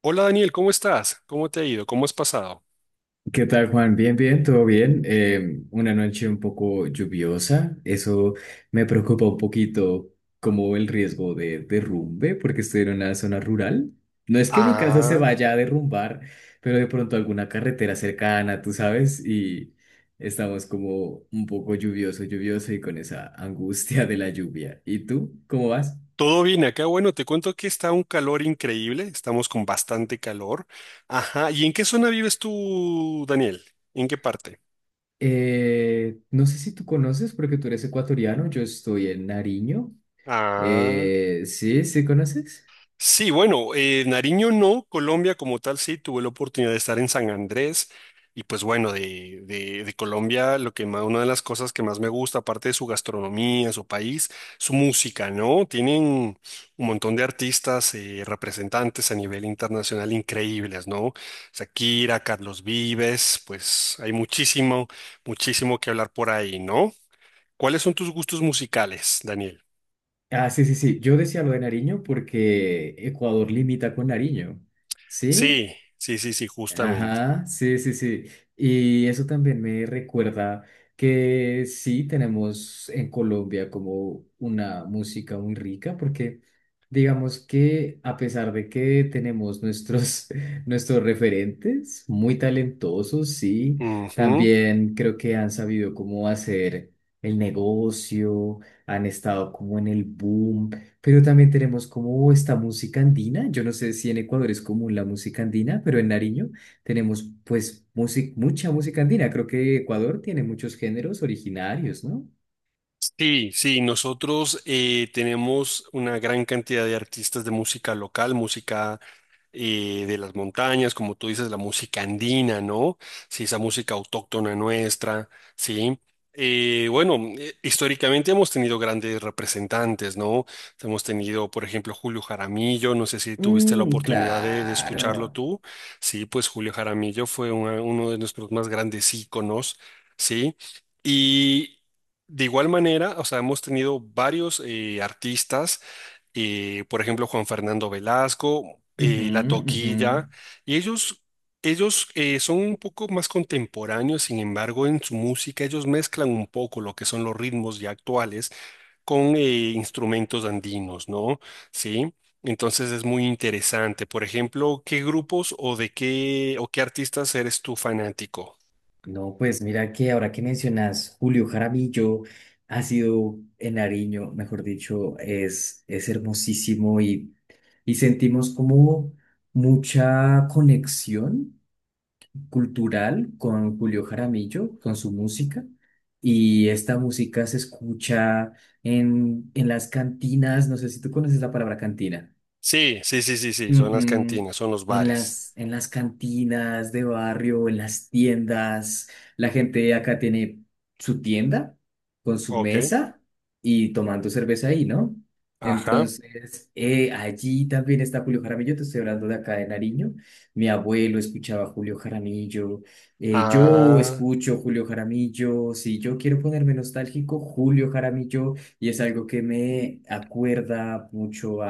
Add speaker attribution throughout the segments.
Speaker 1: Hola Daniel, ¿cómo estás? ¿Cómo te ha ido? ¿Cómo has pasado?
Speaker 2: ¿Qué tal, Juan? Bien, bien, todo bien. Una noche un poco lluviosa. Eso me preocupa un poquito como el riesgo de derrumbe, porque estoy en una zona rural. No es que mi casa se
Speaker 1: Ah,
Speaker 2: vaya a derrumbar, pero de pronto alguna carretera cercana, tú sabes, y estamos como un poco lluvioso, lluvioso y con esa angustia de la lluvia. ¿Y tú? ¿Cómo vas?
Speaker 1: todo bien acá. Bueno, te cuento que está un calor increíble, estamos con bastante calor. Ajá, ¿y en qué zona vives tú, Daniel? ¿En qué parte?
Speaker 2: No sé si tú conoces, porque tú eres ecuatoriano, yo estoy en Nariño.
Speaker 1: Ah.
Speaker 2: Sí, sí, ¿conoces?
Speaker 1: Sí, bueno, Nariño no, Colombia como tal sí, tuve la oportunidad de estar en San Andrés y pues bueno, de Colombia lo que más, una de las cosas que más me gusta, aparte de su gastronomía, su país, su música, ¿no? Tienen un montón de artistas, representantes a nivel internacional increíbles, ¿no? Shakira, Carlos Vives, pues hay muchísimo, muchísimo que hablar por ahí, ¿no? ¿Cuáles son tus gustos musicales, Daniel?
Speaker 2: Ah, sí, sí, sí. Yo decía lo de Nariño porque Ecuador limita con Nariño. ¿Sí?
Speaker 1: Sí, sí, sí, sí, justamente.
Speaker 2: Ajá, sí, sí, sí. Y eso también me recuerda que sí tenemos en Colombia como una música muy rica, porque digamos que a pesar de que tenemos nuestros, nuestros referentes muy talentosos, sí,
Speaker 1: Ujú.
Speaker 2: también creo que han sabido cómo hacer el negocio, han estado como en el boom, pero también tenemos como esta música andina. Yo no sé si en Ecuador es común la música andina, pero en Nariño. Tenemos pues música, mucha música andina. Creo que Ecuador tiene muchos géneros originarios, ¿no?
Speaker 1: Sí, sí, nosotros tenemos una gran cantidad de artistas de música local, música de las montañas, como tú dices, la música andina, ¿no? Sí, esa música autóctona nuestra, sí. Bueno, históricamente hemos tenido grandes representantes, ¿no? Hemos tenido, por ejemplo, Julio Jaramillo, no sé si tuviste la
Speaker 2: Mm,
Speaker 1: oportunidad de escucharlo
Speaker 2: claro.
Speaker 1: tú, sí, pues Julio Jaramillo fue uno de nuestros más grandes íconos, ¿sí? De igual manera, o sea, hemos tenido varios artistas, por ejemplo, Juan Fernando Velasco,
Speaker 2: Ujú,
Speaker 1: La
Speaker 2: ujú.
Speaker 1: Toquilla, y ellos son un poco más contemporáneos, sin embargo, en su música ellos mezclan un poco lo que son los ritmos ya actuales con instrumentos andinos, ¿no? Sí. Entonces es muy interesante. Por ejemplo, ¿qué grupos o de qué o qué artistas eres tú fanático?
Speaker 2: No, pues mira que ahora que mencionas Julio Jaramillo, ha sido en Nariño, mejor dicho, es hermosísimo y sentimos como mucha conexión cultural con Julio Jaramillo, con su música, y esta música se escucha en las cantinas, no sé si tú conoces la palabra cantina.
Speaker 1: Sí, sí, sí, sí, sí, son las
Speaker 2: Ujú.
Speaker 1: cantinas, son los
Speaker 2: En
Speaker 1: bares.
Speaker 2: las, en las cantinas de barrio, en las tiendas, la gente acá tiene su tienda con su
Speaker 1: Ok,
Speaker 2: mesa y tomando cerveza ahí, ¿no?
Speaker 1: ajá.
Speaker 2: Entonces, allí también está Julio Jaramillo, te estoy hablando de acá de Nariño. Mi abuelo escuchaba Julio Jaramillo, yo
Speaker 1: Ah,
Speaker 2: escucho Julio Jaramillo, si yo quiero ponerme nostálgico, Julio Jaramillo, y es algo que me acuerda mucho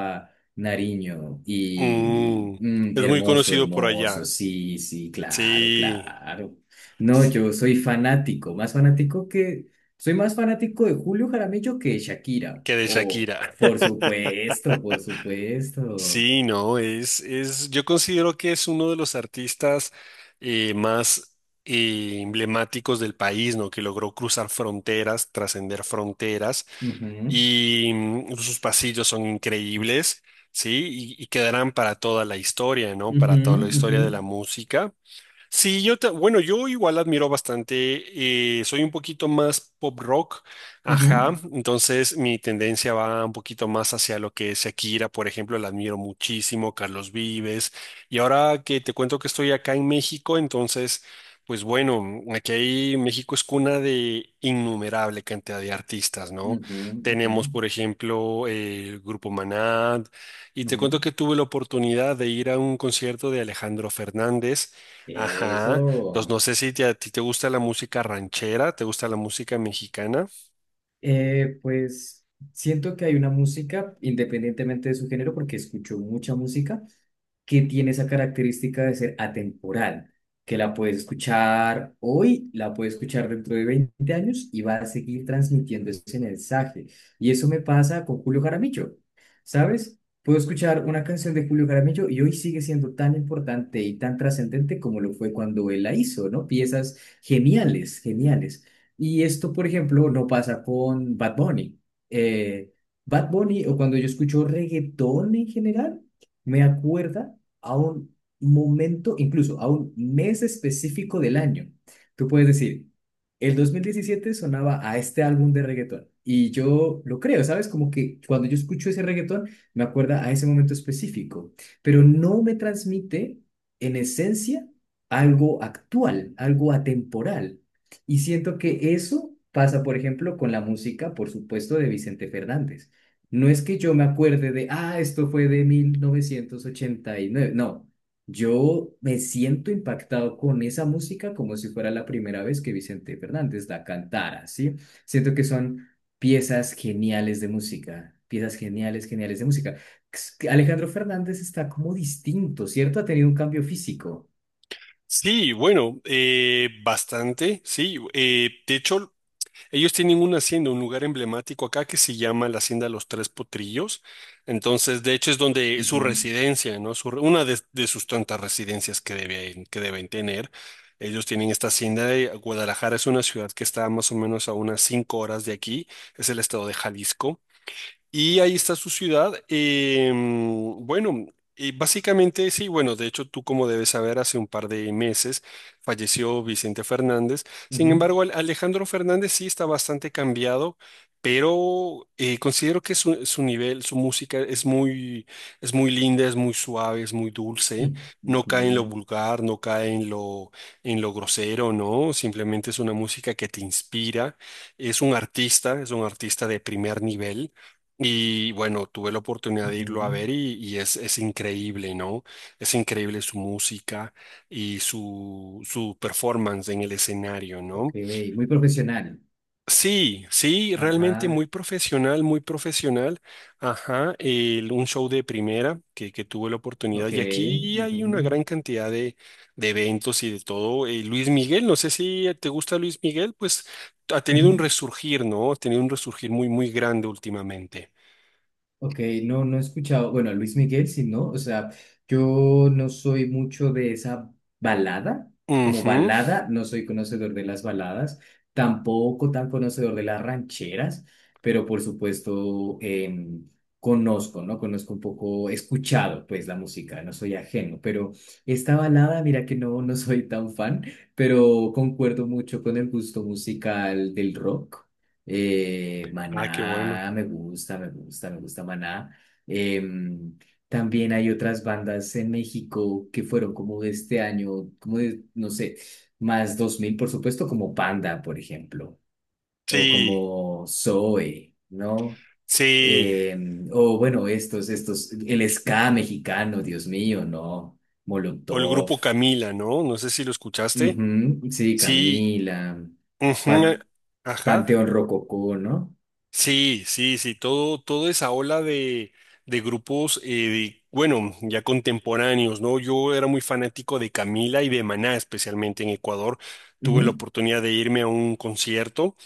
Speaker 2: Nariño y
Speaker 1: mm,
Speaker 2: mm,
Speaker 1: es muy
Speaker 2: hermoso,
Speaker 1: conocido por
Speaker 2: hermoso,
Speaker 1: allá.
Speaker 2: sí, sí, claro,
Speaker 1: Sí,
Speaker 2: claro. No,
Speaker 1: s-
Speaker 2: yo soy fanático, soy más fanático de Julio Jaramillo que de Shakira.
Speaker 1: que de
Speaker 2: O,
Speaker 1: Shakira.
Speaker 2: por supuesto, por supuesto.
Speaker 1: Sí, no, es, yo considero que es uno de los artistas más emblemáticos del país, ¿no? Que logró cruzar fronteras, trascender fronteras
Speaker 2: Ujú,
Speaker 1: y mm, sus pasillos son increíbles, ¿sí? Y quedarán para toda la historia, ¿no?
Speaker 2: ujú,
Speaker 1: Para toda la
Speaker 2: ujú,
Speaker 1: historia de la música. Sí, yo bueno, yo igual admiro bastante, soy un poquito más pop rock, ajá,
Speaker 2: ujú,
Speaker 1: entonces mi tendencia va un poquito más hacia lo que es Shakira, por ejemplo, la admiro muchísimo, Carlos Vives, y ahora que te cuento que estoy acá en México, entonces, pues bueno, México es cuna de innumerable cantidad de artistas, ¿no?
Speaker 2: ujú, ujú,
Speaker 1: Tenemos, por ejemplo, el Grupo Maná, y te
Speaker 2: ujú.
Speaker 1: cuento que tuve la oportunidad de ir a un concierto de Alejandro Fernández. Ajá. Entonces,
Speaker 2: Eso.
Speaker 1: no sé si te- a ti te gusta la música ranchera, te gusta la música mexicana.
Speaker 2: Pues siento que hay una música, independientemente de su género, porque escucho mucha música que tiene esa característica de ser atemporal, que la puedes escuchar hoy, la puedes escuchar dentro de 20 años y va a seguir transmitiendo ese mensaje. Y eso me pasa con Julio Jaramillo, ¿sabes? Puedo escuchar una canción de Julio Jaramillo y hoy sigue siendo tan importante y tan trascendente como lo fue cuando él la hizo, ¿no? Piezas geniales, geniales. Y esto, por ejemplo, no pasa con Bad Bunny. Eh, Bad Bunny, o cuando yo escucho reggaetón en general, me acuerda a un momento, incluso a un mes específico del año. Tú puedes decir, el 2017 sonaba a este álbum de reggaetón. Y yo lo creo, ¿sabes? Como que cuando yo escucho ese reggaetón, me acuerda a ese momento específico, pero no me transmite en esencia algo actual, algo atemporal. Y siento que eso pasa, por ejemplo, con la música, por supuesto, de Vicente Fernández. No es que yo me acuerde de, ah, esto fue de 1989. No, yo me siento impactado con esa música como si fuera la primera vez que Vicente Fernández la cantara, ¿sí? Siento que son piezas geniales de música, piezas geniales, geniales de música. Alejandro Fernández está como distinto, ¿cierto? Ha tenido un cambio físico.
Speaker 1: Sí, bueno, bastante, sí. De hecho, ellos tienen una hacienda, un lugar emblemático acá que se llama la Hacienda Los Tres Potrillos. Entonces, de hecho, es donde es su
Speaker 2: Ujú,
Speaker 1: residencia, ¿no? Una de sus tantas residencias que que deben tener. Ellos tienen esta hacienda de Guadalajara, es una ciudad que está más o menos a unas cinco horas de aquí, es el estado de Jalisco. Y ahí está su ciudad. Em, bueno, básicamente sí, bueno, de hecho tú como debes saber, hace un par de meses falleció Vicente Fernández. Sin
Speaker 2: ujú,
Speaker 1: embargo, Alejandro Fernández sí está bastante cambiado, pero considero que su nivel, su música es muy linda, es muy suave, es muy dulce.
Speaker 2: mm,
Speaker 1: No cae en lo
Speaker 2: ujú,
Speaker 1: vulgar, no cae en lo grosero, ¿no? Simplemente es una música que te inspira. Es un artista de primer nivel. Y bueno, tuve la oportunidad de irlo a
Speaker 2: ujú.
Speaker 1: ver y es increíble, ¿no? Es increíble su música y su performance en el escenario,
Speaker 2: Ok,
Speaker 1: ¿no?
Speaker 2: muy profesional.
Speaker 1: Sí, sí, realmente
Speaker 2: Ajá,
Speaker 1: muy profesional, muy profesional. Ajá, un show de primera que tuve la oportunidad
Speaker 2: ok.
Speaker 1: y aquí hay una
Speaker 2: Ujú,
Speaker 1: gran cantidad de eventos y de todo. Luis Miguel, no sé si te gusta Luis Miguel, pues ha tenido un
Speaker 2: ujú.
Speaker 1: resurgir, ¿no? Ha tenido un resurgir muy, muy grande últimamente.
Speaker 2: Ok, no, no he escuchado, bueno, a Luis Miguel, sí, ¿no? O sea, yo no soy mucho de esa balada, como
Speaker 1: Ujú.
Speaker 2: balada, no soy conocedor de las baladas, tampoco tan conocedor de las rancheras, pero por supuesto conozco, ¿no? Conozco un poco, he escuchado pues la música, no soy ajeno, pero esta balada, mira que no, no soy tan fan, pero concuerdo mucho con el gusto musical del rock.
Speaker 1: Ah, qué bueno.
Speaker 2: Maná, me gusta, me gusta, me gusta Maná. Em, También hay otras bandas en México que fueron como de este año, como de, no sé, más 2000, por supuesto, como Panda, por ejemplo, o
Speaker 1: Sí,
Speaker 2: como Zoe, ¿no?
Speaker 1: sí.
Speaker 2: O bueno, estos, el ska mexicano, Dios mío, ¿no?
Speaker 1: O el
Speaker 2: Molotov,
Speaker 1: grupo Camila, ¿no? No sé si lo escuchaste.
Speaker 2: ujú, sí,
Speaker 1: Sí.
Speaker 2: Camila,
Speaker 1: Ujú.
Speaker 2: Pa-
Speaker 1: Ajá.
Speaker 2: Panteón Rococó, ¿no?
Speaker 1: Sí, sí, sí. Todo, toda esa ola de grupos, bueno, ya contemporáneos, ¿no? Yo era muy fanático de Camila y de Maná, especialmente en Ecuador. Tuve la
Speaker 2: Ujú.
Speaker 1: oportunidad de irme a un concierto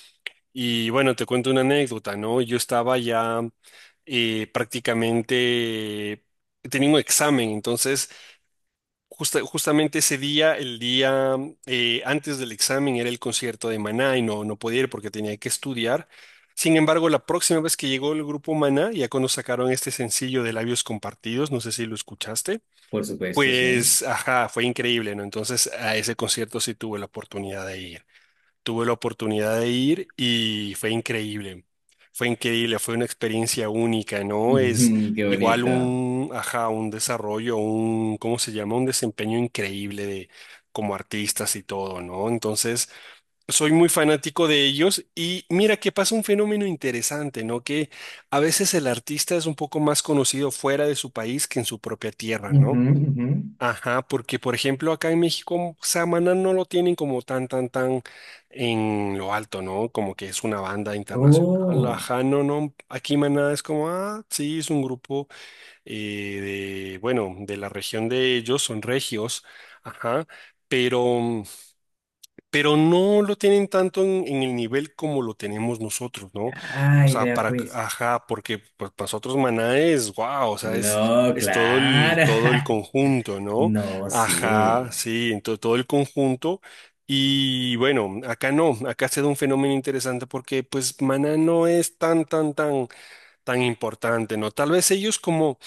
Speaker 1: y bueno, te cuento una anécdota, ¿no? Yo estaba ya prácticamente, tenía un examen, entonces... justamente ese día, el día antes del examen, era el concierto de Maná y no, no podía ir porque tenía que estudiar. Sin embargo, la próxima vez que llegó el grupo Maná, ya cuando sacaron este sencillo de Labios Compartidos, no sé si lo escuchaste,
Speaker 2: Por supuesto, sí.
Speaker 1: pues, ajá, fue increíble, ¿no? Entonces, a ese concierto sí tuve la oportunidad de ir. Tuve la oportunidad de ir y fue increíble. Fue increíble, fue una experiencia única, ¿no? Es
Speaker 2: Ujú, qué
Speaker 1: igual
Speaker 2: bonito.
Speaker 1: un, ajá, un desarrollo, un, ¿cómo se llama? Un desempeño increíble de como artistas y todo, ¿no? Entonces, soy muy fanático de ellos y mira que pasa un fenómeno interesante, ¿no? Que a veces el artista es un poco más conocido fuera de su país que en su propia tierra,
Speaker 2: Ujú,
Speaker 1: ¿no?
Speaker 2: ujú.
Speaker 1: Ajá, porque por ejemplo acá en México Samaná no lo tienen como tan, tan, tan en lo alto, ¿no? Como que es una banda internacional.
Speaker 2: Oh,
Speaker 1: Ajá, no, no. Aquí Maná es como, ah, sí, es un grupo eh, de, bueno, de la región de ellos, son regios, ajá, pero no lo tienen tanto en el nivel como lo tenemos nosotros, ¿no? O
Speaker 2: ay,
Speaker 1: sea,
Speaker 2: vea
Speaker 1: para,
Speaker 2: pues.
Speaker 1: ajá, porque pues, para nosotros Maná es, wow, o sea,
Speaker 2: No,
Speaker 1: es
Speaker 2: claro.
Speaker 1: todo el conjunto, ¿no?
Speaker 2: No,
Speaker 1: Ajá,
Speaker 2: sí.
Speaker 1: sí, entonces todo el conjunto. Y bueno, acá no, acá se da un fenómeno interesante porque pues Maná no es tan, tan, tan, tan importante, ¿no? Tal vez ellos como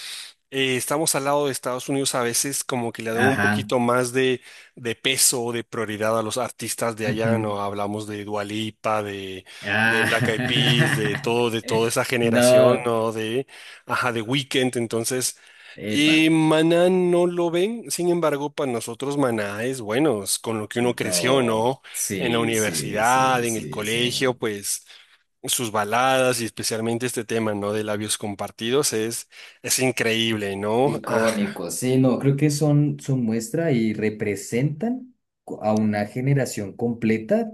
Speaker 1: estamos al lado de Estados Unidos a veces como que le dan un
Speaker 2: Ajá.
Speaker 1: poquito más de peso o de prioridad a los artistas de allá,
Speaker 2: Ujú.
Speaker 1: ¿no? Hablamos de Dua Lipa, de Black Eyed Peas, de
Speaker 2: Ah.
Speaker 1: todo, de toda esa generación,
Speaker 2: No.
Speaker 1: ¿no? De, ajá, de Weekend, entonces...
Speaker 2: Epa.
Speaker 1: Y Maná no lo ven, sin embargo, para nosotros Maná es bueno, es con lo que uno creció,
Speaker 2: No.
Speaker 1: ¿no? En la
Speaker 2: Sí, sí,
Speaker 1: universidad,
Speaker 2: sí,
Speaker 1: en el
Speaker 2: sí,
Speaker 1: colegio,
Speaker 2: sí.
Speaker 1: pues sus baladas y especialmente este tema, ¿no? De labios compartidos es increíble, ¿no? Ajá.
Speaker 2: Icónico, sí, no, creo que son, son muestra y representan co- a una generación completa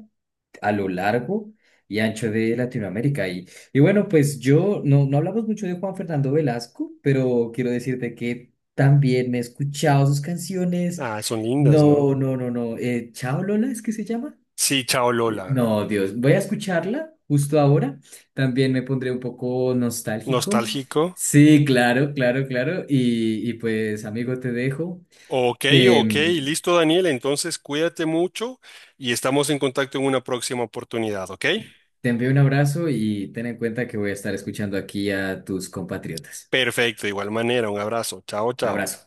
Speaker 2: a lo largo y ancho de Latinoamérica. Y bueno, pues yo no, no hablamos mucho de Juan Fernando Velasco, pero quiero decirte que también he escuchado sus canciones.
Speaker 1: Ah, son lindas, ¿no?
Speaker 2: No, no, no, no. Chao Lola, ¿es que se llama?
Speaker 1: Sí, chao Lola.
Speaker 2: No, Dios, voy a escucharla justo ahora. También me pondré un poco nostálgico.
Speaker 1: Nostálgico.
Speaker 2: Sí, claro, claro, claro. Y pues, amigo, te dejo.
Speaker 1: Ok,
Speaker 2: Te,
Speaker 1: ok,
Speaker 2: mm,
Speaker 1: listo Daniel, entonces cuídate mucho y estamos en contacto en una próxima oportunidad, ¿ok?
Speaker 2: te envío un abrazo y ten en cuenta que voy a estar escuchando aquí a tus compatriotas.
Speaker 1: Perfecto, de igual manera, un abrazo. Chao, chao.
Speaker 2: Abrazo.